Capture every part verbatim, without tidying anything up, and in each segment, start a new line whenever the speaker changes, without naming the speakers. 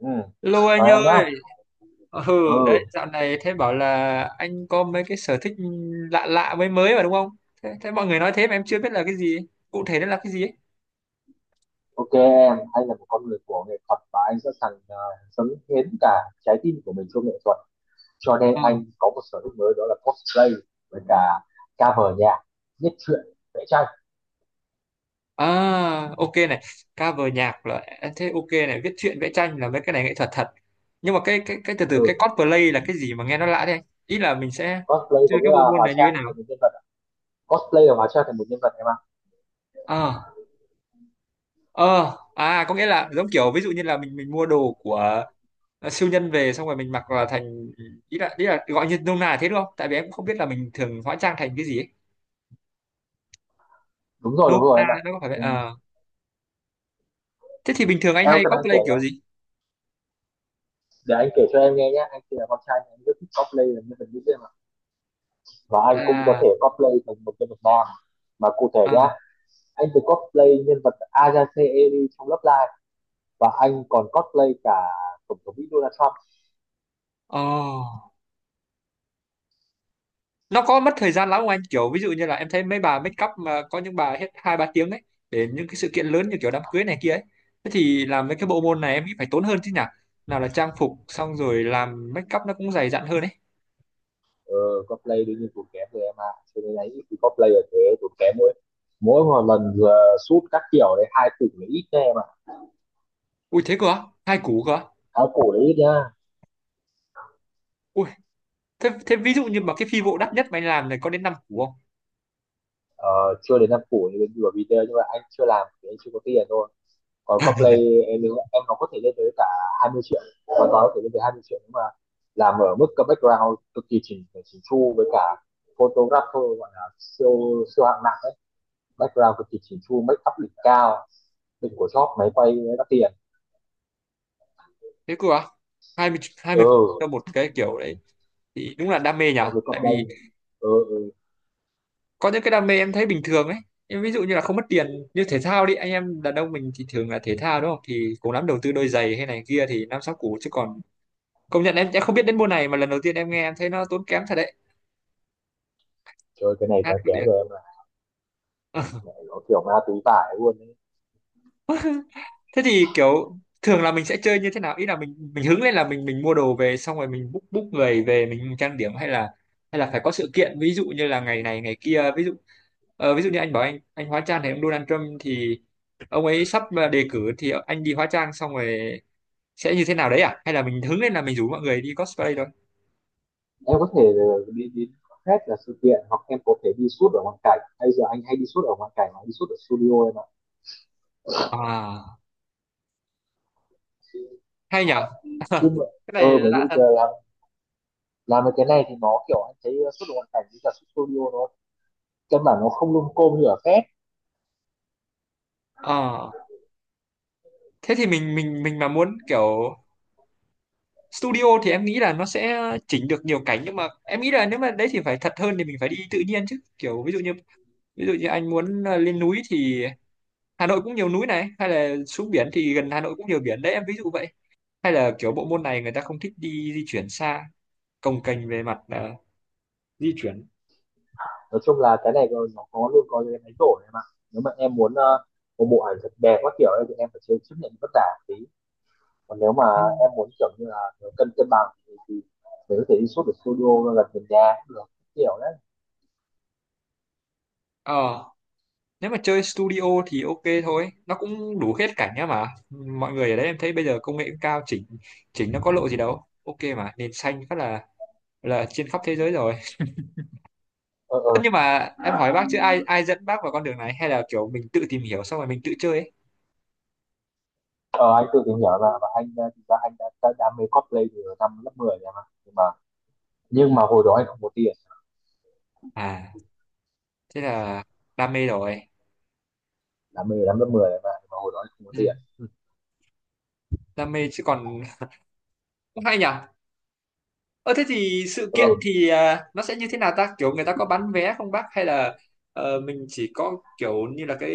Ừ,
Lô
chào
anh
em nhá.
ơi. Ừ, đấy
Ừ,
dạo này thế bảo là anh có mấy cái sở thích lạ lạ mới mới mà đúng không? Thế, thế mọi người nói thế mà em chưa biết là cái gì, cụ thể nó là cái gì ấy.
ok em, anh là một con người của nghệ thuật và anh sẵn sàng ờ, dâng hiến cả trái tim của mình cho nghệ thuật, cho nên
Ờ.
anh có một sở thích mới, đó là cosplay. Với cả cover nhạc, viết truyện, vẽ tranh.
À, ok này, cover nhạc là à, thế ok này, viết truyện vẽ tranh là mấy cái này nghệ thuật thật. Nhưng mà cái cái cái từ từ
Ừ,
cái cosplay là cái gì mà nghe nó lạ thế, anh? Ý là mình sẽ
cosplay có
chơi cái
nghĩa
bộ
là
môn
hóa
này như thế
trang
nào?
thành một nhân vật ạ. Cosplay là hóa trang thành một nhân vật em ạ.
Ờ, ờ, à có nghĩa là giống kiểu ví dụ như là mình mình mua đồ của Ờ, siêu nhân về xong rồi mình mặc vào thành ý là ý là gọi như nôm na là thế đúng không, tại vì em cũng không biết là mình thường hóa trang thành cái gì ấy.
Đúng rồi
Nôm
đúng rồi
na
em ạ.
nó có phải vậy.
Mình,
Ờ, thế thì bình thường anh
em
hay
có đang kể
cosplay kiểu
không?
gì?
Để anh kể cho em nghe nhé, anh thì là con trai, anh rất thích cosplay là nhân vật nữ em ạ, và anh cũng có
À,
thể cosplay thành một nhân vật nam. Mà cụ thể
à,
nhá, anh được cosplay nhân vật Ajace Eri trong Love Live, và anh còn cosplay cả tổng thống Mỹ Donald Trump.
oh. Nó có mất thời gian lắm không anh, kiểu ví dụ như là em thấy mấy bà make up mà có những bà hết hai ba tiếng ấy để những cái sự kiện lớn như kiểu đám cưới này kia ấy. Thế thì làm mấy cái bộ môn này em nghĩ phải tốn hơn chứ nhỉ, nào là trang phục xong rồi làm make up nó cũng dày dặn hơn ấy.
ờ, Cosplay đương nhiên tốn kém rồi em ạ. À, cho nên là ít cosplay ở thế, tốn kém mỗi mỗi một lần vừa shoot các kiểu đấy hai củ là ít nha em ạ.
Ui, thế cơ á? Hai củ cơ á?
Áo củ là ít nhá.
Ui, thế, thế ví dụ như mà cái phi vụ đắt nhất mà anh làm này có đến năm củ.
ờ, Chưa đến năm củ như bên vừa video, nhưng mà anh chưa làm thì anh chưa có tiền thôi. Còn cosplay em, nếu em nó có thể lên tới cả hai mươi triệu, hoàn toàn có thể lên tới hai mươi triệu, nhưng mà làm ở mức cái background cực kỳ chỉnh chỉnh chu với cả photographer gọi là siêu siêu hạng nặng ấy. Background cực kỳ chỉnh chu, make up đỉnh cao, đỉnh của shop, máy quay đắt tiền.
Thế cơ à? Hai mươi hai mươi
Ừ,
cho một cái kiểu đấy thì đúng là đam mê nhỉ.
so với
Tại vì
cosplay. Ừ, ừ.
có những cái đam mê em thấy bình thường ấy, em ví dụ như là không mất tiền, như thể thao đi, anh em đàn ông mình thì thường là thể thao đúng không, thì cũng lắm đầu tư đôi giày hay này kia thì năm sáu củ chứ còn công nhận em sẽ không biết đến môn này, mà lần đầu tiên em nghe em thấy nó tốn kém thật đấy.
Trời, cái này giá
Ác
kém
liệt.
rồi em ạ. Mẹ nó kiểu ma túy vải luôn ấy.
Thế thì kiểu thường là mình sẽ chơi như thế nào, ý là mình mình hứng lên là mình mình mua đồ về xong rồi mình book book người về mình trang điểm, hay là hay là phải có sự kiện ví dụ như là ngày này ngày kia. Ví dụ ờ, ví dụ như anh bảo anh anh hóa trang thấy ông Donald Trump thì ông ấy sắp ờ, đề cử thì anh đi hóa trang xong rồi sẽ như thế nào đấy, à hay là mình hứng lên là mình rủ mọi người đi cosplay thôi.
Em có thể ờ, đi đến hết là sự kiện, hoặc em có thể đi shoot ở ngoại cảnh. Bây giờ anh hay đi shoot ở ngoại cảnh mà đi shoot ở studio em
À,
ạ.
hay nhở,
Chứ mà-
cái
ờ
này
bởi
lạ
vì
thật.
giờ làm làm được cái này thì nó kiểu anh thấy xuất được hoàn cảnh với cả xuất studio, nó căn bản nó không lung côm như ở phép.
Ờ, thế thì mình mình mình mà muốn kiểu studio thì em nghĩ là nó sẽ chỉnh được nhiều cảnh, nhưng mà em nghĩ là nếu mà đấy thì phải thật hơn thì mình phải đi tự nhiên chứ, kiểu ví dụ như ví dụ như anh muốn ờ, lên núi thì Hà Nội cũng nhiều núi này, hay là xuống biển thì gần Hà Nội cũng nhiều biển đấy, em ví dụ vậy. Hay là kiểu bộ môn này người ta không thích đi di chuyển xa, cồng kềnh về mặt ờ, di chuyển.
Nói chung là cái này nó nó có luôn có cái máy đổi em ạ. Nếu mà em muốn ờ, một bộ ảnh thật đẹp các kiểu ấy, thì em phải chơi chấp nhận vất vả một tí. Còn nếu mà
Ừ.
em muốn kiểu như là nó cân cân bằng thì, thì mình có thể đi xuất ở studio nó gần gần nhà cũng được, kiểu đấy.
Ờ, nếu mà chơi studio thì ok thôi, nó cũng đủ hết cảnh nhá, mà mọi người ở đấy em thấy bây giờ công nghệ cũng cao, chỉnh chỉnh nó có lộ gì đâu, ok mà nền xanh phát là là trên khắp thế giới rồi.
Ờ
Tất
ờ
nhưng mà em hỏi bác chứ ai ai dẫn bác vào con đường này hay là kiểu mình tự tìm hiểu xong rồi mình tự chơi ấy?
ờ, anh tự tìm hiểu là, và anh ờ, thực ra anh đã, đã đam mê cosplay từ năm lớp mười em ạ, nhưng mà nhưng mà hồi đó anh không có tiền.
À, thế là đam mê rồi.
Đam mê lắm, lớp mười mà, mà hồi đó không có
Ừ,
tiền.
đam mê chứ còn, cũng hay nhỉ. Ờ, thế thì sự kiện
Ừ.
thì à, nó sẽ như thế nào ta? Kiểu người ta có bán vé không bác, hay là ờ, mình chỉ có kiểu như là cái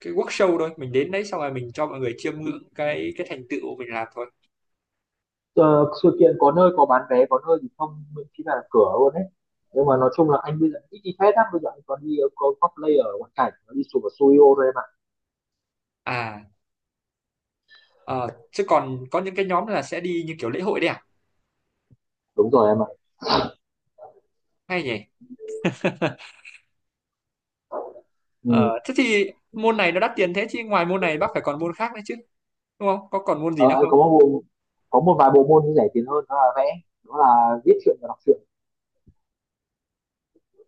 cái workshop thôi, mình đến đấy xong rồi mình cho mọi người chiêm ngưỡng cái cái thành tựu mình làm thôi.
ờ, Sự kiện có nơi có bán vé, có nơi thì không, miễn phí là cửa luôn đấy. Nhưng mà nói chung là anh bây giờ ít đi phết lắm, bây giờ anh còn đi có cosplay ở ngoại cảnh, đi chụp ở studio thôi em ạ.
À, ờ, chứ còn có những cái nhóm là sẽ đi như kiểu lễ hội đấy à?
Đúng rồi em ạ.
Hay nhỉ?
Ừ.
Ờ, thế thì môn này nó đắt tiền thế, chứ ngoài môn này bác phải còn môn khác nữa chứ, đúng không, có còn môn gì
ờ,
nữa
anh
không?
có một bộ, có một vài bộ môn rẻ tiền hơn, đó là vẽ, đó là viết truyện và đọc truyện.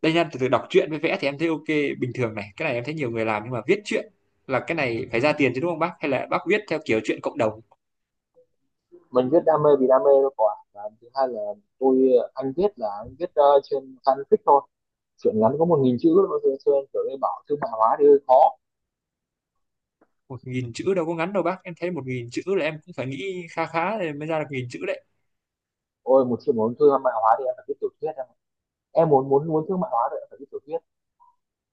Đây nha, từ từ, đọc truyện với vẽ thì em thấy ok, bình thường này, cái này em thấy nhiều người làm, nhưng mà viết truyện là cái này phải ra tiền chứ đúng không bác, hay là bác viết theo kiểu truyện cộng đồng?
Mình viết đam mê vì đam mê thôi, quả, và thứ hai là tôi, anh viết là anh viết uh, trên fanfic thôi. Chuyện ngắn có một nghìn chữ, nó sẽ kiểu như bảo thương mại hóa thì hơi khó.
Một nghìn chữ đâu có ngắn đâu bác, em thấy một nghìn chữ là em cũng phải nghĩ khá khá để mới ra được nghìn chữ đấy.
Ôi, một chuyện muốn thương mại hóa thì em phải viết tiểu thuyết em ạ. Em muốn muốn muốn thương mại hóa thì em phải viết tiểu thuyết.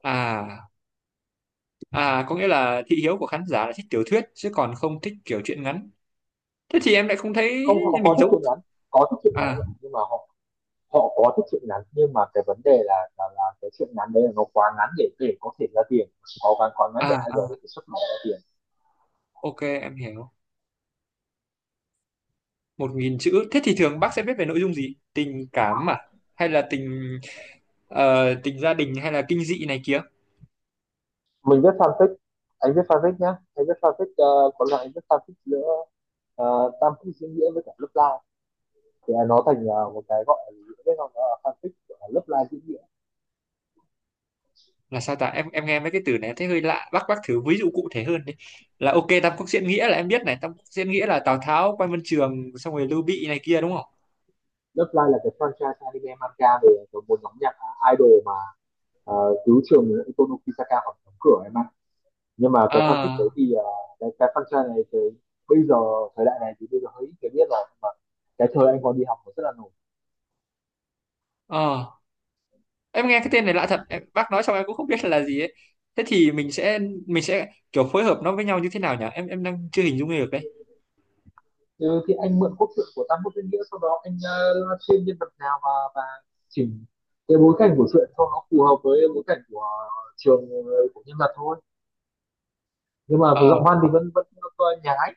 À, à có nghĩa là thị hiếu của khán giả là thích tiểu thuyết chứ còn không thích kiểu truyện ngắn, thế thì em lại không thấy
Không, họ có
mình
thích
giống.
truyện ngắn, có thích truyện ngắn
À,
em ạ, nhưng mà họ họ có thích truyện ngắn, nhưng mà cái vấn đề là là, là cái truyện ngắn đấy là nó quá ngắn để để có thể ra tiền, có quá quá ngắn để
à
ai đó có thể xuất bản ra tiền.
ok, em hiểu. Một nghìn chữ thế thì thường bác sẽ viết về nội dung gì, tình cảm à, hay là tình ờ, tình gia đình hay là kinh dị này kia?
Mình viết fanfic, anh viết fanfic nhá, anh viết fanfic ờ, có loại anh viết fanfic nữa, ờ, Tam Quốc Diễn Nghĩa với cả lớp lai, thì nó thành ờ, một cái gọi là fanfic lớp lai diễn nghĩa.
Là sao ta, em em nghe mấy cái từ này thấy hơi lạ bác bác thử ví dụ cụ thể hơn đi. Là ok, Tam Quốc diễn nghĩa là em biết này, Tam Quốc diễn nghĩa là Tào Tháo, Quan Vân Trường xong rồi Lưu Bị này kia đúng không?
Lớp lai là cái franchise anime manga về một nhóm nhạc idol mà à, cứu trường Ikonoki Saka khỏi đóng cửa em ạ. Nhưng mà cái fanfic đấy
À,
thì à, cái, cái franchise này thì bây giờ thời đại này thì bây giờ hơi ít người biết rồi, mà cái thời anh còn đi học cũng rất là nổi.
à em nghe cái tên này lạ thật em, bác nói xong em cũng không biết là gì ấy. Thế thì mình sẽ mình sẽ kiểu phối hợp nó với nhau như thế nào nhỉ, em em đang chưa hình dung được đấy.
Ừ, thì anh mượn cốt truyện của Tam Quốc Diễn Nghĩa, sau đó anh uh, live stream nhân vật nào, và và chỉnh cái bối cảnh của truyện cho nó phù hợp với bối cảnh của trường, ờ, của nhân vật thôi. Nhưng mà
Ờ,
giọng văn thì vẫn vẫn ờ, nhái.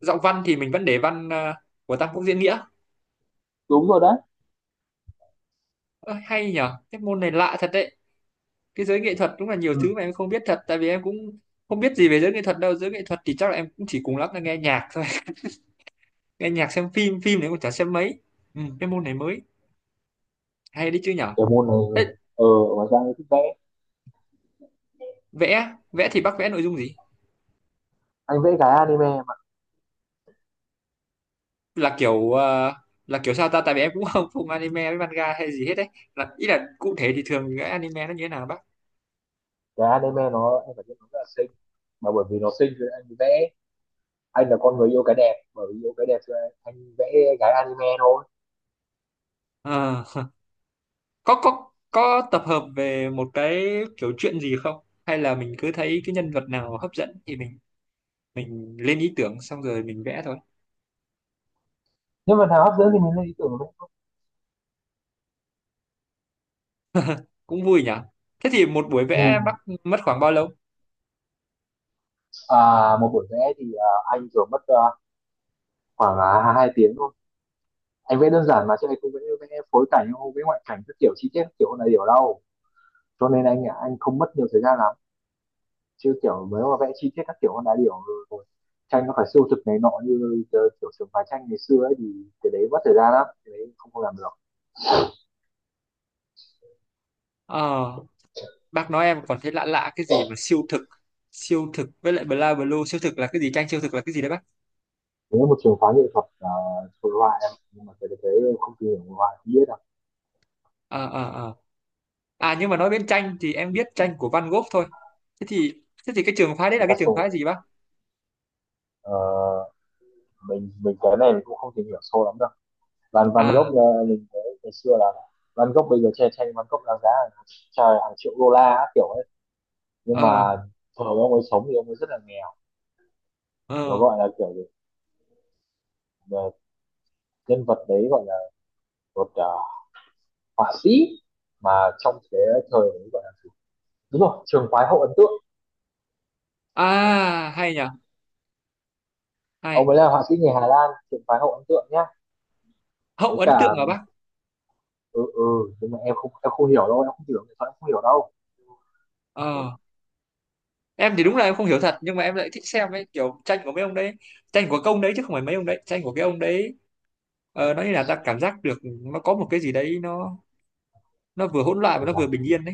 giọng văn thì mình vẫn để văn ờ, của Tam Quốc diễn nghĩa.
Đúng rồi đấy.
Ơ, hay nhở, cái môn này lạ thật đấy, cái giới nghệ thuật đúng là nhiều thứ mà
Ừ.
em không biết thật, tại vì em cũng không biết gì về giới nghệ thuật đâu, giới nghệ thuật thì chắc là em cũng chỉ cùng lắm là nghe nhạc thôi. Nghe nhạc, xem phim, phim đấy em cũng chả xem mấy. Ừ, cái môn này mới hay đấy chứ nhở.
Cái môn này,
Thế
ờ ở ngoài ra anh thích vẽ.
vẽ, vẽ thì bác vẽ nội dung gì,
Anh vẽ cái anime.
là kiểu ờ, là kiểu sao ta, tại vì em cũng không không anime với manga hay gì hết đấy, là ý là cụ thể thì thường cái anime nó như thế nào bác?
Cái anime nó, em phải biết nó rất là xinh, mà bởi vì nó xinh thì anh vẽ. Anh là con người yêu cái đẹp, bởi vì yêu cái đẹp cho anh vẽ gái anime thôi.
Ờ, có có có tập hợp về một cái kiểu chuyện gì không, hay là mình cứ thấy cái nhân vật nào hấp dẫn thì mình mình lên ý tưởng xong rồi mình vẽ thôi?
Nhưng mà thằng hấp dẫn thì mình lên ý tưởng đấy.
Cũng vui nhỉ. Thế thì một buổi
Ừ.
vẽ bác mất khoảng bao lâu?
à, Một buổi vẽ thì à, anh thường mất à, khoảng à, hai tiếng thôi. Anh vẽ đơn giản mà, chứ anh không vẽ, vẽ phối cảnh, không vẽ ngoại cảnh các kiểu chi tiết các kiểu này điều đâu, cho nên anh à, anh không mất nhiều thời gian lắm. Chứ kiểu mới mà vẽ chi tiết các kiểu con đá điểu rồi, rồi tranh nó phải siêu thực này nọ, như ờ, kiểu trường phái tranh ngày xưa ấy thì cái đấy mất thời gian lắm, cái đấy không không làm được.
Ờ, bác nói em còn thấy lạ lạ cái gì mà siêu thực, siêu thực với lại bla blue, siêu thực là cái gì, tranh siêu thực là cái gì đấy bác?
Nếu một trường phái nghệ thuật, ờ, hội uh, họa em, nhưng mà cái đấy em không tìm hiểu hội họa không biết đâu.
Ờ ờ ờ À nhưng mà nói đến tranh thì em biết tranh của Van Gogh thôi, thế thì thế thì cái trường phái đấy là cái trường
Picasso.
phái gì bác?
ờ, mình, mình cái này mình cũng không tìm hiểu sâu lắm đâu. Van Van
À,
Gogh, ờ, mình thấy ngày xưa là Van Gogh, bây giờ che tranh Van Gogh đáng giá hàng, trời, hàng triệu đô la á, kiểu ấy, nhưng
ờ,
mà thời ông ấy sống thì ông ấy rất là nghèo. Nó
ờ.
gọi là kiểu gì? Ờ, Nhân vật đấy gọi là một, ờ, họa sĩ mà trong cái thời ấy gọi là, đúng rồi, trường phái hậu ấn tượng.
À hay nhỉ,
Ông
hay.
ấy là họa sĩ người Hà Lan, trường phái hậu ấn tượng nhá.
Hậu
Với
ấn tượng
cả,
hả bác?
ừ ừ, nhưng mà em không, em không hiểu đâu, em không hiểu nghệ thuật, em không hiểu đâu.
Ờ, em thì đúng là em không hiểu thật nhưng mà em lại thích xem ấy, kiểu tranh của mấy ông đấy, tranh của công đấy, chứ không phải mấy ông đấy, tranh của cái ông đấy. Ờ, nó như là ta cảm giác được nó có một cái gì đấy, nó nó vừa hỗn loạn và
Em
nó vừa
rằng,
bình yên đấy.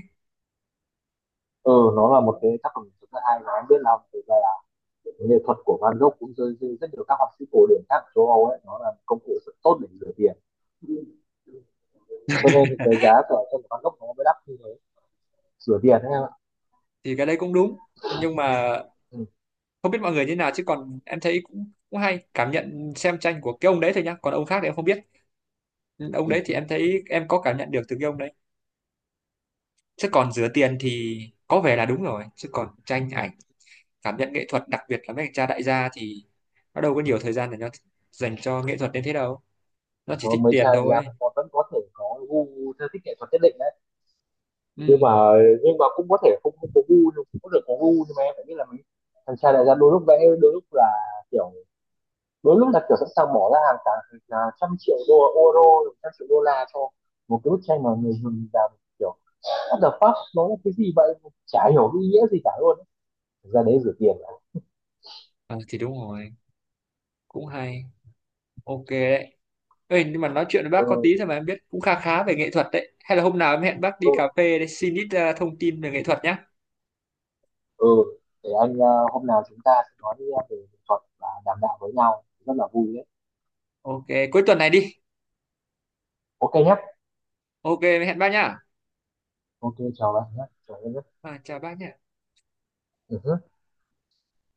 ừ, nó là một cái tác phẩm rất là hay, mà em biết là thực ra là nghệ thuật của Van Gogh cũng rơi rơi rất nhiều các họa sĩ cổ điển khác ở châu Âu ấy, nó là công cụ rất tốt để rửa tiền, cho nên cái giá của tranh của Van Gogh nó mới đắt như thế. Rửa tiền đấy em ạ.
Thì cái đấy cũng đúng, nhưng mà
ừ,
không biết mọi người như nào, chứ còn em thấy cũng cũng hay cảm nhận xem tranh của cái ông đấy thôi nhá, còn ông khác thì em không biết. Ừ, ông
ừ,
đấy thì
ừ.
em thấy em có cảm nhận được từ cái ông đấy, chứ còn rửa tiền thì có vẻ là đúng rồi, chứ còn tranh ảnh, cảm nhận nghệ thuật đặc biệt là mấy anh cha đại gia thì nó đâu có nhiều thời gian để nó dành cho nghệ thuật đến thế đâu, nó chỉ
Có
thích
mấy
tiền
cha đại gia
thôi.
vẫn có, vẫn có thể có gu, theo thích nghệ thuật nhất định đấy, nhưng
Ừ.
mà nhưng mà cũng có thể không, không có gu, nhưng cũng có thể có gu, nhưng mà em phải biết là mình, thằng cha đại gia đôi lúc vẽ, đôi lúc là kiểu, đôi lúc là kiểu sẵn sàng bỏ ra hàng cả, à, trăm triệu đô euro, trăm triệu đô la cho một cái bức tranh mà người dùng làm kiểu what the fuck, nó là cái gì vậy, chả hiểu cái ý nghĩa gì cả luôn ấy. Thực ra đấy rửa tiền là,
Ờ, thì đúng rồi, cũng hay, ok đấy. Ê, nhưng mà nói chuyện với bác có tí
ừ,
thôi mà em biết cũng khá khá về nghệ thuật đấy. Hay là hôm nào em hẹn bác đi
ừ,
cà phê để xin ít ờ, thông tin về nghệ thuật nhá.
ừ. Để anh, à, hôm nào chúng ta sẽ nói về nghệ thuật và đàm đạo với nhau rất là vui đấy.
Ok, cuối tuần này đi.
Ok nhé.
Ok, em hẹn bác nhá.
Ok, chào bạn nhé, chào em nhé.
À, chào bác nhá.
Ừ.